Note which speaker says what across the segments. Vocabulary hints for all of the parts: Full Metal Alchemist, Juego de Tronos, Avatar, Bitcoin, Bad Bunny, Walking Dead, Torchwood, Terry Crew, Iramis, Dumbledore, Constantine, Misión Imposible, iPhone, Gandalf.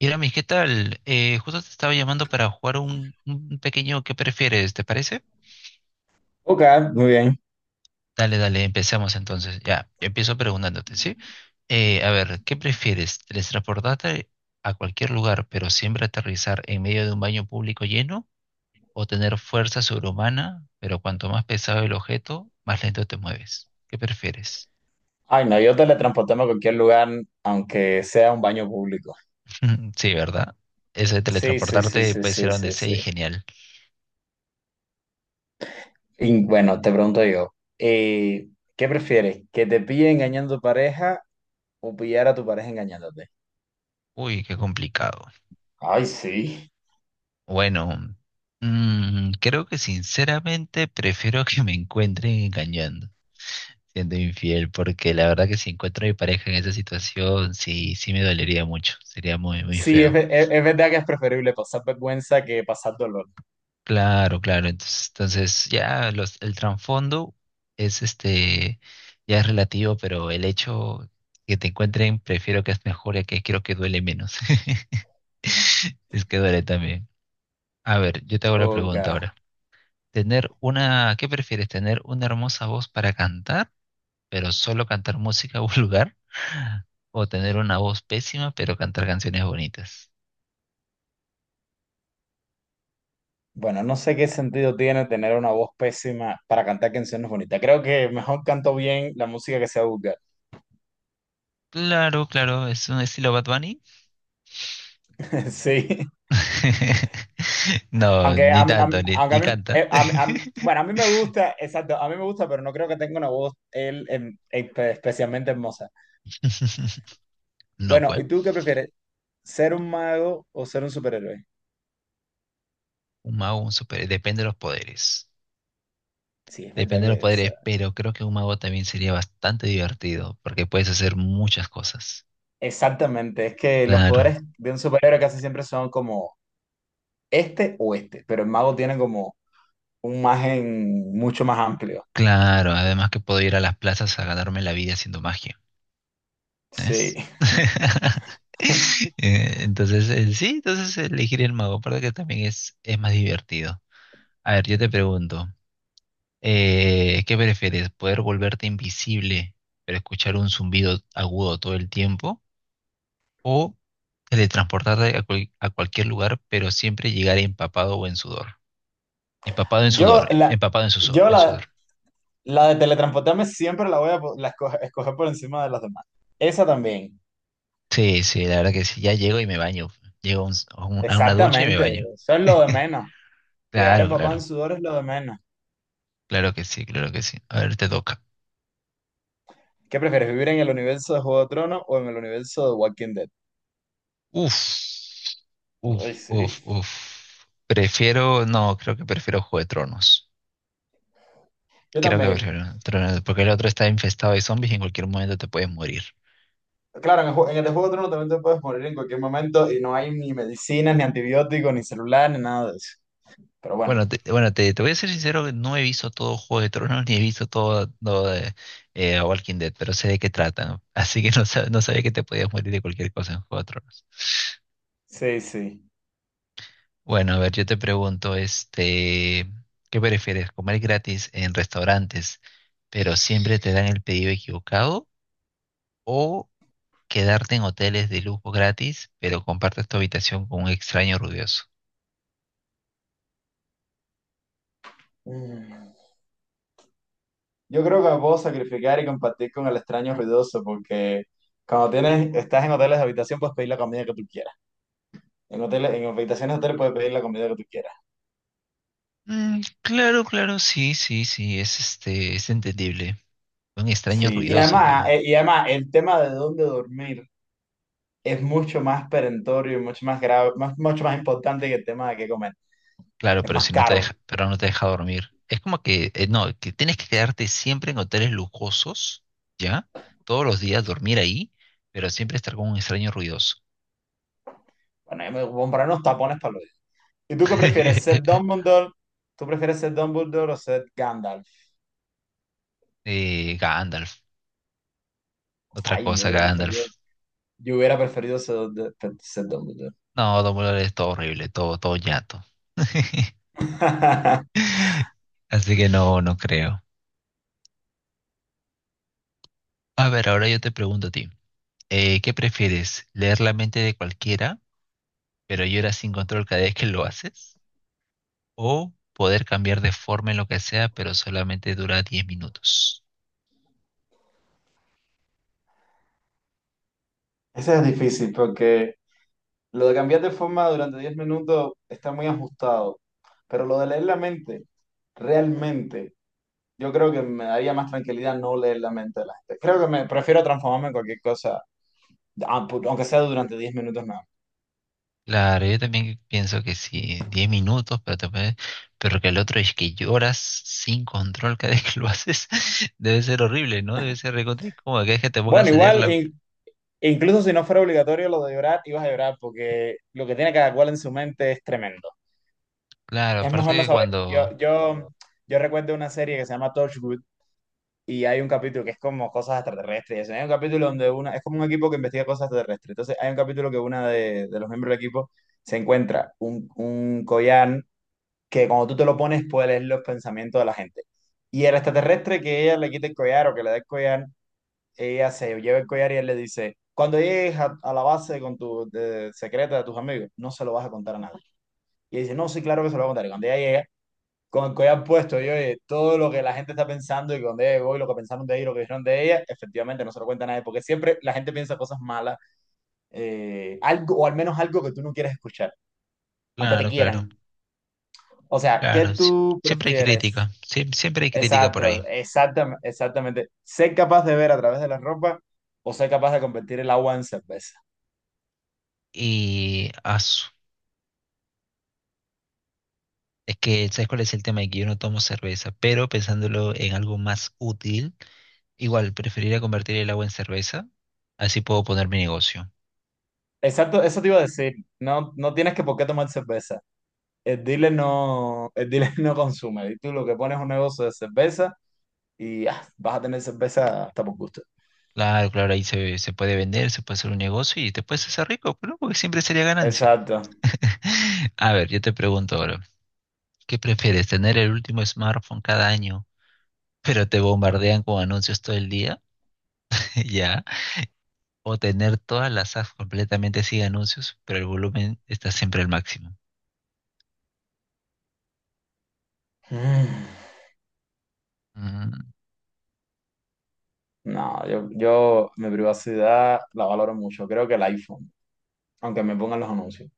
Speaker 1: Iramis, ¿qué tal? Justo te estaba llamando para jugar un pequeño ¿qué prefieres? ¿Te parece?
Speaker 2: Ok, muy bien.
Speaker 1: Dale, empecemos entonces. Ya, yo empiezo preguntándote, ¿sí? A ver, ¿qué prefieres? ¿Teletransportarte a cualquier lugar, pero siempre aterrizar en medio de un baño público lleno? ¿O tener fuerza sobrehumana, pero cuanto más pesado el objeto, más lento te mueves? ¿Qué prefieres?
Speaker 2: Ay, no, yo teletransportarme a cualquier lugar, aunque sea un baño público.
Speaker 1: Sí, ¿verdad? Eso de
Speaker 2: Sí, sí, sí,
Speaker 1: teletransportarte
Speaker 2: sí,
Speaker 1: puedes ir
Speaker 2: sí,
Speaker 1: a donde
Speaker 2: sí,
Speaker 1: sea y
Speaker 2: sí.
Speaker 1: genial.
Speaker 2: Y bueno, te pregunto yo, eh, ¿qué prefieres? ¿Que te pille engañando a tu pareja o pillar a tu pareja engañándote?
Speaker 1: Uy, qué complicado.
Speaker 2: Ay, sí.
Speaker 1: Bueno, creo que sinceramente prefiero que me encuentren engañando, siendo infiel, porque la verdad que si encuentro a mi pareja en esa situación, sí, sí me dolería mucho, sería muy, muy
Speaker 2: Sí, es,
Speaker 1: feo.
Speaker 2: es verdad que es preferible pasar vergüenza que pasar dolor.
Speaker 1: Claro, claro, entonces ya el trasfondo es este, ya es relativo, pero el hecho que te encuentren, prefiero que es mejor y que quiero que duele menos. Es que duele también. A ver, yo te hago la
Speaker 2: Ok.
Speaker 1: pregunta ahora. Tener una, ¿qué prefieres? ¿Tener una hermosa voz para cantar, pero solo cantar música vulgar? ¿O tener una voz pésima, pero cantar canciones bonitas?
Speaker 2: Bueno, no sé qué sentido tiene tener una voz pésima para cantar canciones bonitas. Creo que mejor canto bien la música que sea vulgar.
Speaker 1: Claro, claro, es un estilo Bad Bunny.
Speaker 2: Sí.
Speaker 1: No, ni tanto, ni,
Speaker 2: Aunque a
Speaker 1: ni
Speaker 2: mí,
Speaker 1: canta.
Speaker 2: bueno, a mí me gusta, exacto, a mí me gusta, pero no creo que tenga una voz él, especialmente hermosa.
Speaker 1: No,
Speaker 2: Bueno,
Speaker 1: pues.
Speaker 2: ¿y tú qué prefieres? ¿Ser un mago o ser un superhéroe?
Speaker 1: Un mago, un super. Depende de los poderes.
Speaker 2: Sí, es verdad
Speaker 1: Depende de los
Speaker 2: que es-
Speaker 1: poderes, pero creo que un mago también sería bastante divertido, porque puedes hacer muchas cosas.
Speaker 2: Exactamente, es que los
Speaker 1: Claro.
Speaker 2: poderes de un superhéroe casi siempre son como este o este, pero el mago tiene como un margen mucho más amplio.
Speaker 1: Claro, además que puedo ir a las plazas a ganarme la vida haciendo magia,
Speaker 2: Sí.
Speaker 1: ¿ves? Entonces, sí, entonces elegir el mago, aparte que también es más divertido. A ver, yo te pregunto, ¿qué prefieres? ¿Poder volverte invisible, pero escuchar un zumbido agudo todo el tiempo? ¿O teletransportarte a, a cualquier lugar, pero siempre llegar empapado o en sudor? Empapado en
Speaker 2: Yo
Speaker 1: sudor,
Speaker 2: la,
Speaker 1: empapado en,
Speaker 2: yo
Speaker 1: en
Speaker 2: la,
Speaker 1: sudor.
Speaker 2: la de teletransportarme siempre la voy a escoger por encima de las demás. Esa también.
Speaker 1: Sí, sí, la verdad que sí. Ya llego y me baño. Llego a, a una ducha y me
Speaker 2: Exactamente,
Speaker 1: baño.
Speaker 2: eso es lo de menos. Llegar
Speaker 1: Claro,
Speaker 2: empapado en
Speaker 1: claro.
Speaker 2: sudor es lo de menos.
Speaker 1: Claro que sí, claro que sí. A ver, te toca.
Speaker 2: ¿Qué prefieres, vivir en el universo de Juego de Tronos o en el universo de Walking Dead?
Speaker 1: Uf, uf,
Speaker 2: Ay, sí.
Speaker 1: uf, uf. Prefiero, no, creo que prefiero Juego de Tronos.
Speaker 2: Yo
Speaker 1: Creo que
Speaker 2: también.
Speaker 1: prefiero Tronos, porque el otro está infestado de zombies y en cualquier momento te puedes morir.
Speaker 2: Claro, en el de Juego de Tronos también te puedes morir en cualquier momento y no hay ni medicinas, ni antibióticos, ni celular, ni nada de eso. Pero
Speaker 1: Bueno,
Speaker 2: bueno,
Speaker 1: te voy a ser sincero, no he visto todo Juego de Tronos ni he visto todo, todo de, Walking Dead, pero sé de qué tratan. Así que no, no sabía que te podías morir de cualquier cosa en Juego de Tronos.
Speaker 2: sí, sí.
Speaker 1: Bueno, a ver, yo te pregunto, este, ¿qué prefieres? ¿Comer gratis en restaurantes, pero siempre te dan el pedido equivocado? ¿O quedarte en hoteles de lujo gratis, pero compartes tu habitación con un extraño ruidoso?
Speaker 2: Mm. Yo creo que me puedo sacrificar y compartir con el extraño ruidoso porque estás en hoteles de habitación puedes pedir la comida que tú quieras. En hoteles, en habitaciones de hoteles puedes pedir la comida que tú quieras.
Speaker 1: Mm, claro, claro, sí, sí, sí, es este, es entendible. Un extraño
Speaker 2: Sí,
Speaker 1: ruidoso que
Speaker 2: y además el tema de dónde dormir es mucho más perentorio y mucho más grave, mucho más importante que el tema de qué comer.
Speaker 1: Claro,
Speaker 2: Es
Speaker 1: pero
Speaker 2: más
Speaker 1: si no te
Speaker 2: caro.
Speaker 1: deja, pero no te deja dormir. Es como que, no, que tienes que quedarte siempre en hoteles lujosos, ¿ya? Todos los días dormir ahí, pero siempre estar con un extraño ruidoso.
Speaker 2: Bueno, yo me voy a comprar unos tapones para los días. ¿Y tú qué prefieres, ser Dumbledore? ¿Tú prefieres ser Dumbledore o ser Gandalf?
Speaker 1: Gandalf, otra
Speaker 2: Ay,
Speaker 1: cosa, Gandalf.
Speaker 2: yo hubiera preferido ser, ser Dumbledore.
Speaker 1: No, Dumbledore es todo horrible, todo, todo ñato. Así que no, no creo. A ver, ahora yo te pregunto a ti, ¿qué prefieres? ¿Leer la mente de cualquiera, pero lloras sin control cada vez que lo haces? O poder cambiar de forma en lo que sea, pero solamente dura 10 minutos.
Speaker 2: Eso es difícil porque lo de cambiar de forma durante 10 minutos está muy ajustado, pero lo de leer la mente, realmente. Yo creo que me daría más tranquilidad no leer la mente de la gente. Creo que me prefiero transformarme en cualquier cosa, aunque sea durante 10 minutos nada más.
Speaker 1: Claro, yo también pienso que sí, 10 minutos, pero, pero que el otro es que lloras sin control cada vez que lo haces, debe ser horrible, ¿no? Debe ser recontra incómodo, que es que te pongan
Speaker 2: Bueno,
Speaker 1: salir
Speaker 2: igual,
Speaker 1: la...
Speaker 2: incluso si no fuera obligatorio lo de llorar, ibas a llorar porque lo que tiene cada cual en su mente es tremendo.
Speaker 1: Claro,
Speaker 2: Es
Speaker 1: aparte
Speaker 2: mejor no
Speaker 1: que
Speaker 2: saber.
Speaker 1: cuando...
Speaker 2: Yo recuerdo una serie que se llama Torchwood y hay un capítulo que es como cosas extraterrestres y eso. Hay un capítulo donde una, es como un equipo que investiga cosas extraterrestres. Entonces hay un capítulo que una de los miembros del equipo se encuentra un collar que cuando tú te lo pones puedes leer los pensamientos de la gente. Y el extraterrestre que ella le quite el collar o que le dé el collar, ella se lleva el collar y él le dice, cuando llegues a la base con tu secreta de tus amigos, no se lo vas a contar a nadie. Y ella dice, no, sí, claro que se lo voy a contar. Y cuando ella llega, con el collar puesto, y oye, todo lo que la gente está pensando y cuando ella llegó y lo que pensaron de ella y lo que dijeron de ella, efectivamente no se lo cuenta a nadie, porque siempre la gente piensa cosas malas, o al menos algo que tú no quieres escuchar, aunque te
Speaker 1: Claro, claro,
Speaker 2: quieran. O sea, ¿qué
Speaker 1: claro, sí,
Speaker 2: tú
Speaker 1: siempre hay
Speaker 2: prefieres?
Speaker 1: crítica, sí, siempre hay crítica por
Speaker 2: Exacto,
Speaker 1: ahí.
Speaker 2: exactamente. Ser capaz de ver a través de la ropa o ser capaz de convertir el agua en cerveza.
Speaker 1: Y asu, Es que, ¿sabes cuál es el tema? Que yo no tomo cerveza, pero pensándolo en algo más útil, igual preferiría convertir el agua en cerveza, así puedo poner mi negocio.
Speaker 2: Exacto, eso te iba a decir. No, no tienes que por qué tomar cerveza. El dealer no, el dealer no consume. Y tú lo que pones es un negocio de cerveza y ah, vas a tener cerveza hasta por gusto.
Speaker 1: Claro, claro, se puede vender, se puede hacer un negocio y te puedes hacer rico, ¿no? Porque siempre sería ganancia.
Speaker 2: Exacto.
Speaker 1: A ver, yo te pregunto ahora, ¿qué prefieres, tener el último smartphone cada año, pero te bombardean con anuncios todo el día? ¿Ya? ¿O tener todas las apps completamente sin anuncios, pero el volumen está siempre al máximo?
Speaker 2: Mm,
Speaker 1: Mm.
Speaker 2: no, yo mi privacidad la valoro mucho. Creo que el iPhone, aunque me pongan los anuncios.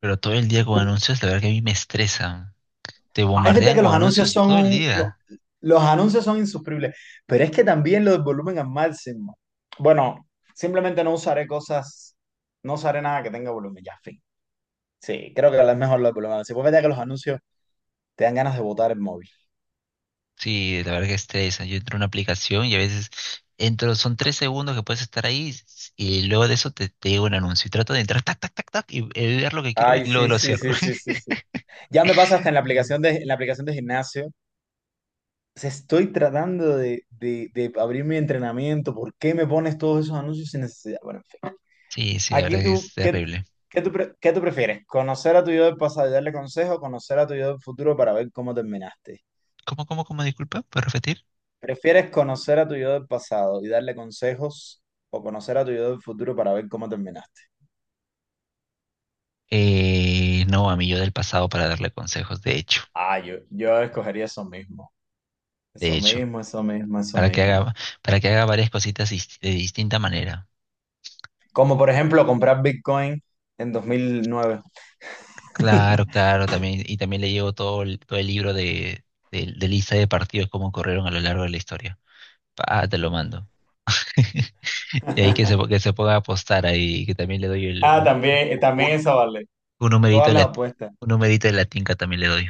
Speaker 1: Pero todo el día con anuncios, la verdad que a mí me estresan. Te
Speaker 2: Ah, es verdad
Speaker 1: bombardean
Speaker 2: que los
Speaker 1: con
Speaker 2: anuncios
Speaker 1: anuncios
Speaker 2: son
Speaker 1: todo el
Speaker 2: no,
Speaker 1: día.
Speaker 2: los anuncios son insufribles, pero es que también lo del volumen al máximo. Bueno, simplemente no usaré cosas, no usaré nada que tenga volumen, ya, fin. Sí, creo que es mejor lo del volumen al máximo. Es verdad que los anuncios te dan ganas de botar el móvil.
Speaker 1: Sí, la verdad que estresa. Yo entro a una aplicación y a veces entro, son 3 segundos que puedes estar ahí y luego de eso te llega un anuncio. Y trato de entrar, tac, tac, tac, tac, y ver lo que quiero ver
Speaker 2: Ay,
Speaker 1: y luego
Speaker 2: sí,
Speaker 1: lo
Speaker 2: sí,
Speaker 1: cierro.
Speaker 2: sí, sí, sí, sí. Ya me pasa hasta en la
Speaker 1: Mm.
Speaker 2: aplicación de, en la aplicación de gimnasio. O sea, estoy tratando de abrir mi entrenamiento. ¿Por qué me pones todos esos anuncios sin necesidad? Bueno, en fin.
Speaker 1: Sí, sí, la
Speaker 2: Aquí
Speaker 1: verdad que
Speaker 2: tú,
Speaker 1: es terrible.
Speaker 2: ¿qué tú prefieres? ¿Conocer a tu yo del pasado y darle consejo conocer a tu yo del futuro para ver cómo terminaste?
Speaker 1: ¿Cómo, cómo, cómo? Disculpa, ¿puedes repetir?
Speaker 2: ¿Prefieres conocer a tu yo del pasado y darle consejos o conocer a tu yo del futuro para ver cómo terminaste?
Speaker 1: No, a mi yo del pasado para darle consejos,
Speaker 2: Ah, yo escogería eso mismo.
Speaker 1: de
Speaker 2: Eso
Speaker 1: hecho,
Speaker 2: mismo, eso mismo, eso
Speaker 1: para que
Speaker 2: mismo.
Speaker 1: haga, para que haga varias cositas de distinta manera.
Speaker 2: Como por ejemplo comprar Bitcoin en 2009.
Speaker 1: Claro, claro, también, y también le llevo todo el libro de, de lista de partidos, cómo corrieron a lo largo de la historia. Ah, te lo mando. Y ahí que se ponga a apostar ahí, que también le doy
Speaker 2: Ah, también, también
Speaker 1: un,
Speaker 2: esa vale.
Speaker 1: un numerito
Speaker 2: Todas
Speaker 1: de
Speaker 2: las
Speaker 1: la,
Speaker 2: apuestas.
Speaker 1: un numerito de la tinca también le doy.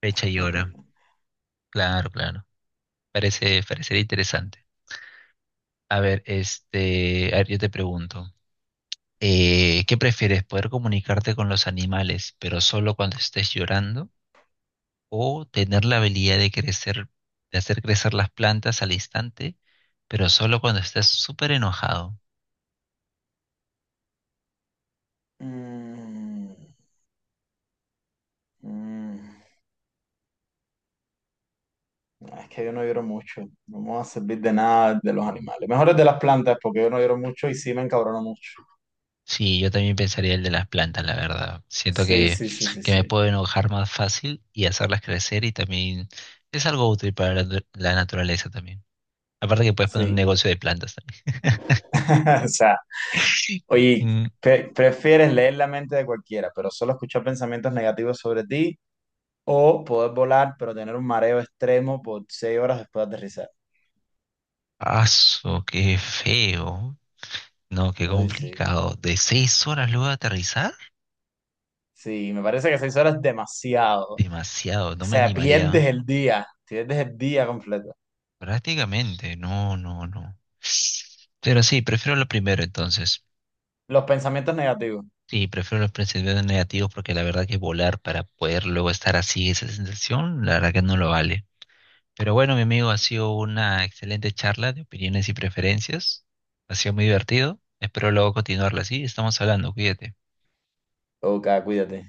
Speaker 1: Fecha y hora. Claro, claro. Parece, parecería interesante. A ver, este, a ver, yo te pregunto, ¿qué prefieres? ¿Poder comunicarte con los animales, pero solo cuando estés llorando? O tener la habilidad de crecer, de hacer crecer las plantas al instante, pero solo cuando estés súper enojado.
Speaker 2: Mm, mm. Ah, es que yo no lloro mucho, no me va a servir de nada de los animales. Mejor es de las plantas, porque yo no lloro mucho y sí me encabrono mucho.
Speaker 1: Sí, yo también pensaría el de las plantas, la verdad. Siento
Speaker 2: Sí, sí, sí, sí,
Speaker 1: que me
Speaker 2: sí.
Speaker 1: puedo enojar más fácil y hacerlas crecer y también es algo útil para la, la naturaleza también. Aparte que puedes poner un
Speaker 2: Sí.
Speaker 1: negocio de plantas también.
Speaker 2: O sea, oye,
Speaker 1: Mm,
Speaker 2: ¿prefieres leer la mente de cualquiera, pero solo escuchar pensamientos negativos sobre ti? ¿O poder volar, pero tener un mareo extremo por 6 horas después de aterrizar?
Speaker 1: Aso, qué feo. No, qué
Speaker 2: Ay, sí.
Speaker 1: complicado. ¿De 6 horas luego de aterrizar?
Speaker 2: Sí, me parece que 6 horas es demasiado.
Speaker 1: Demasiado,
Speaker 2: O
Speaker 1: no me
Speaker 2: sea,
Speaker 1: animaría.
Speaker 2: pierdes el día completo.
Speaker 1: Prácticamente, no, no, no. Pero sí, prefiero lo primero entonces.
Speaker 2: Los pensamientos negativos.
Speaker 1: Sí, prefiero los pensamientos negativos porque la verdad que volar para poder luego estar así, esa sensación, la verdad que no lo vale. Pero bueno, mi amigo, ha sido una excelente charla de opiniones y preferencias. Ha sido muy divertido. Espero luego continuarla así. Estamos hablando, cuídate.
Speaker 2: Ok, cuídate.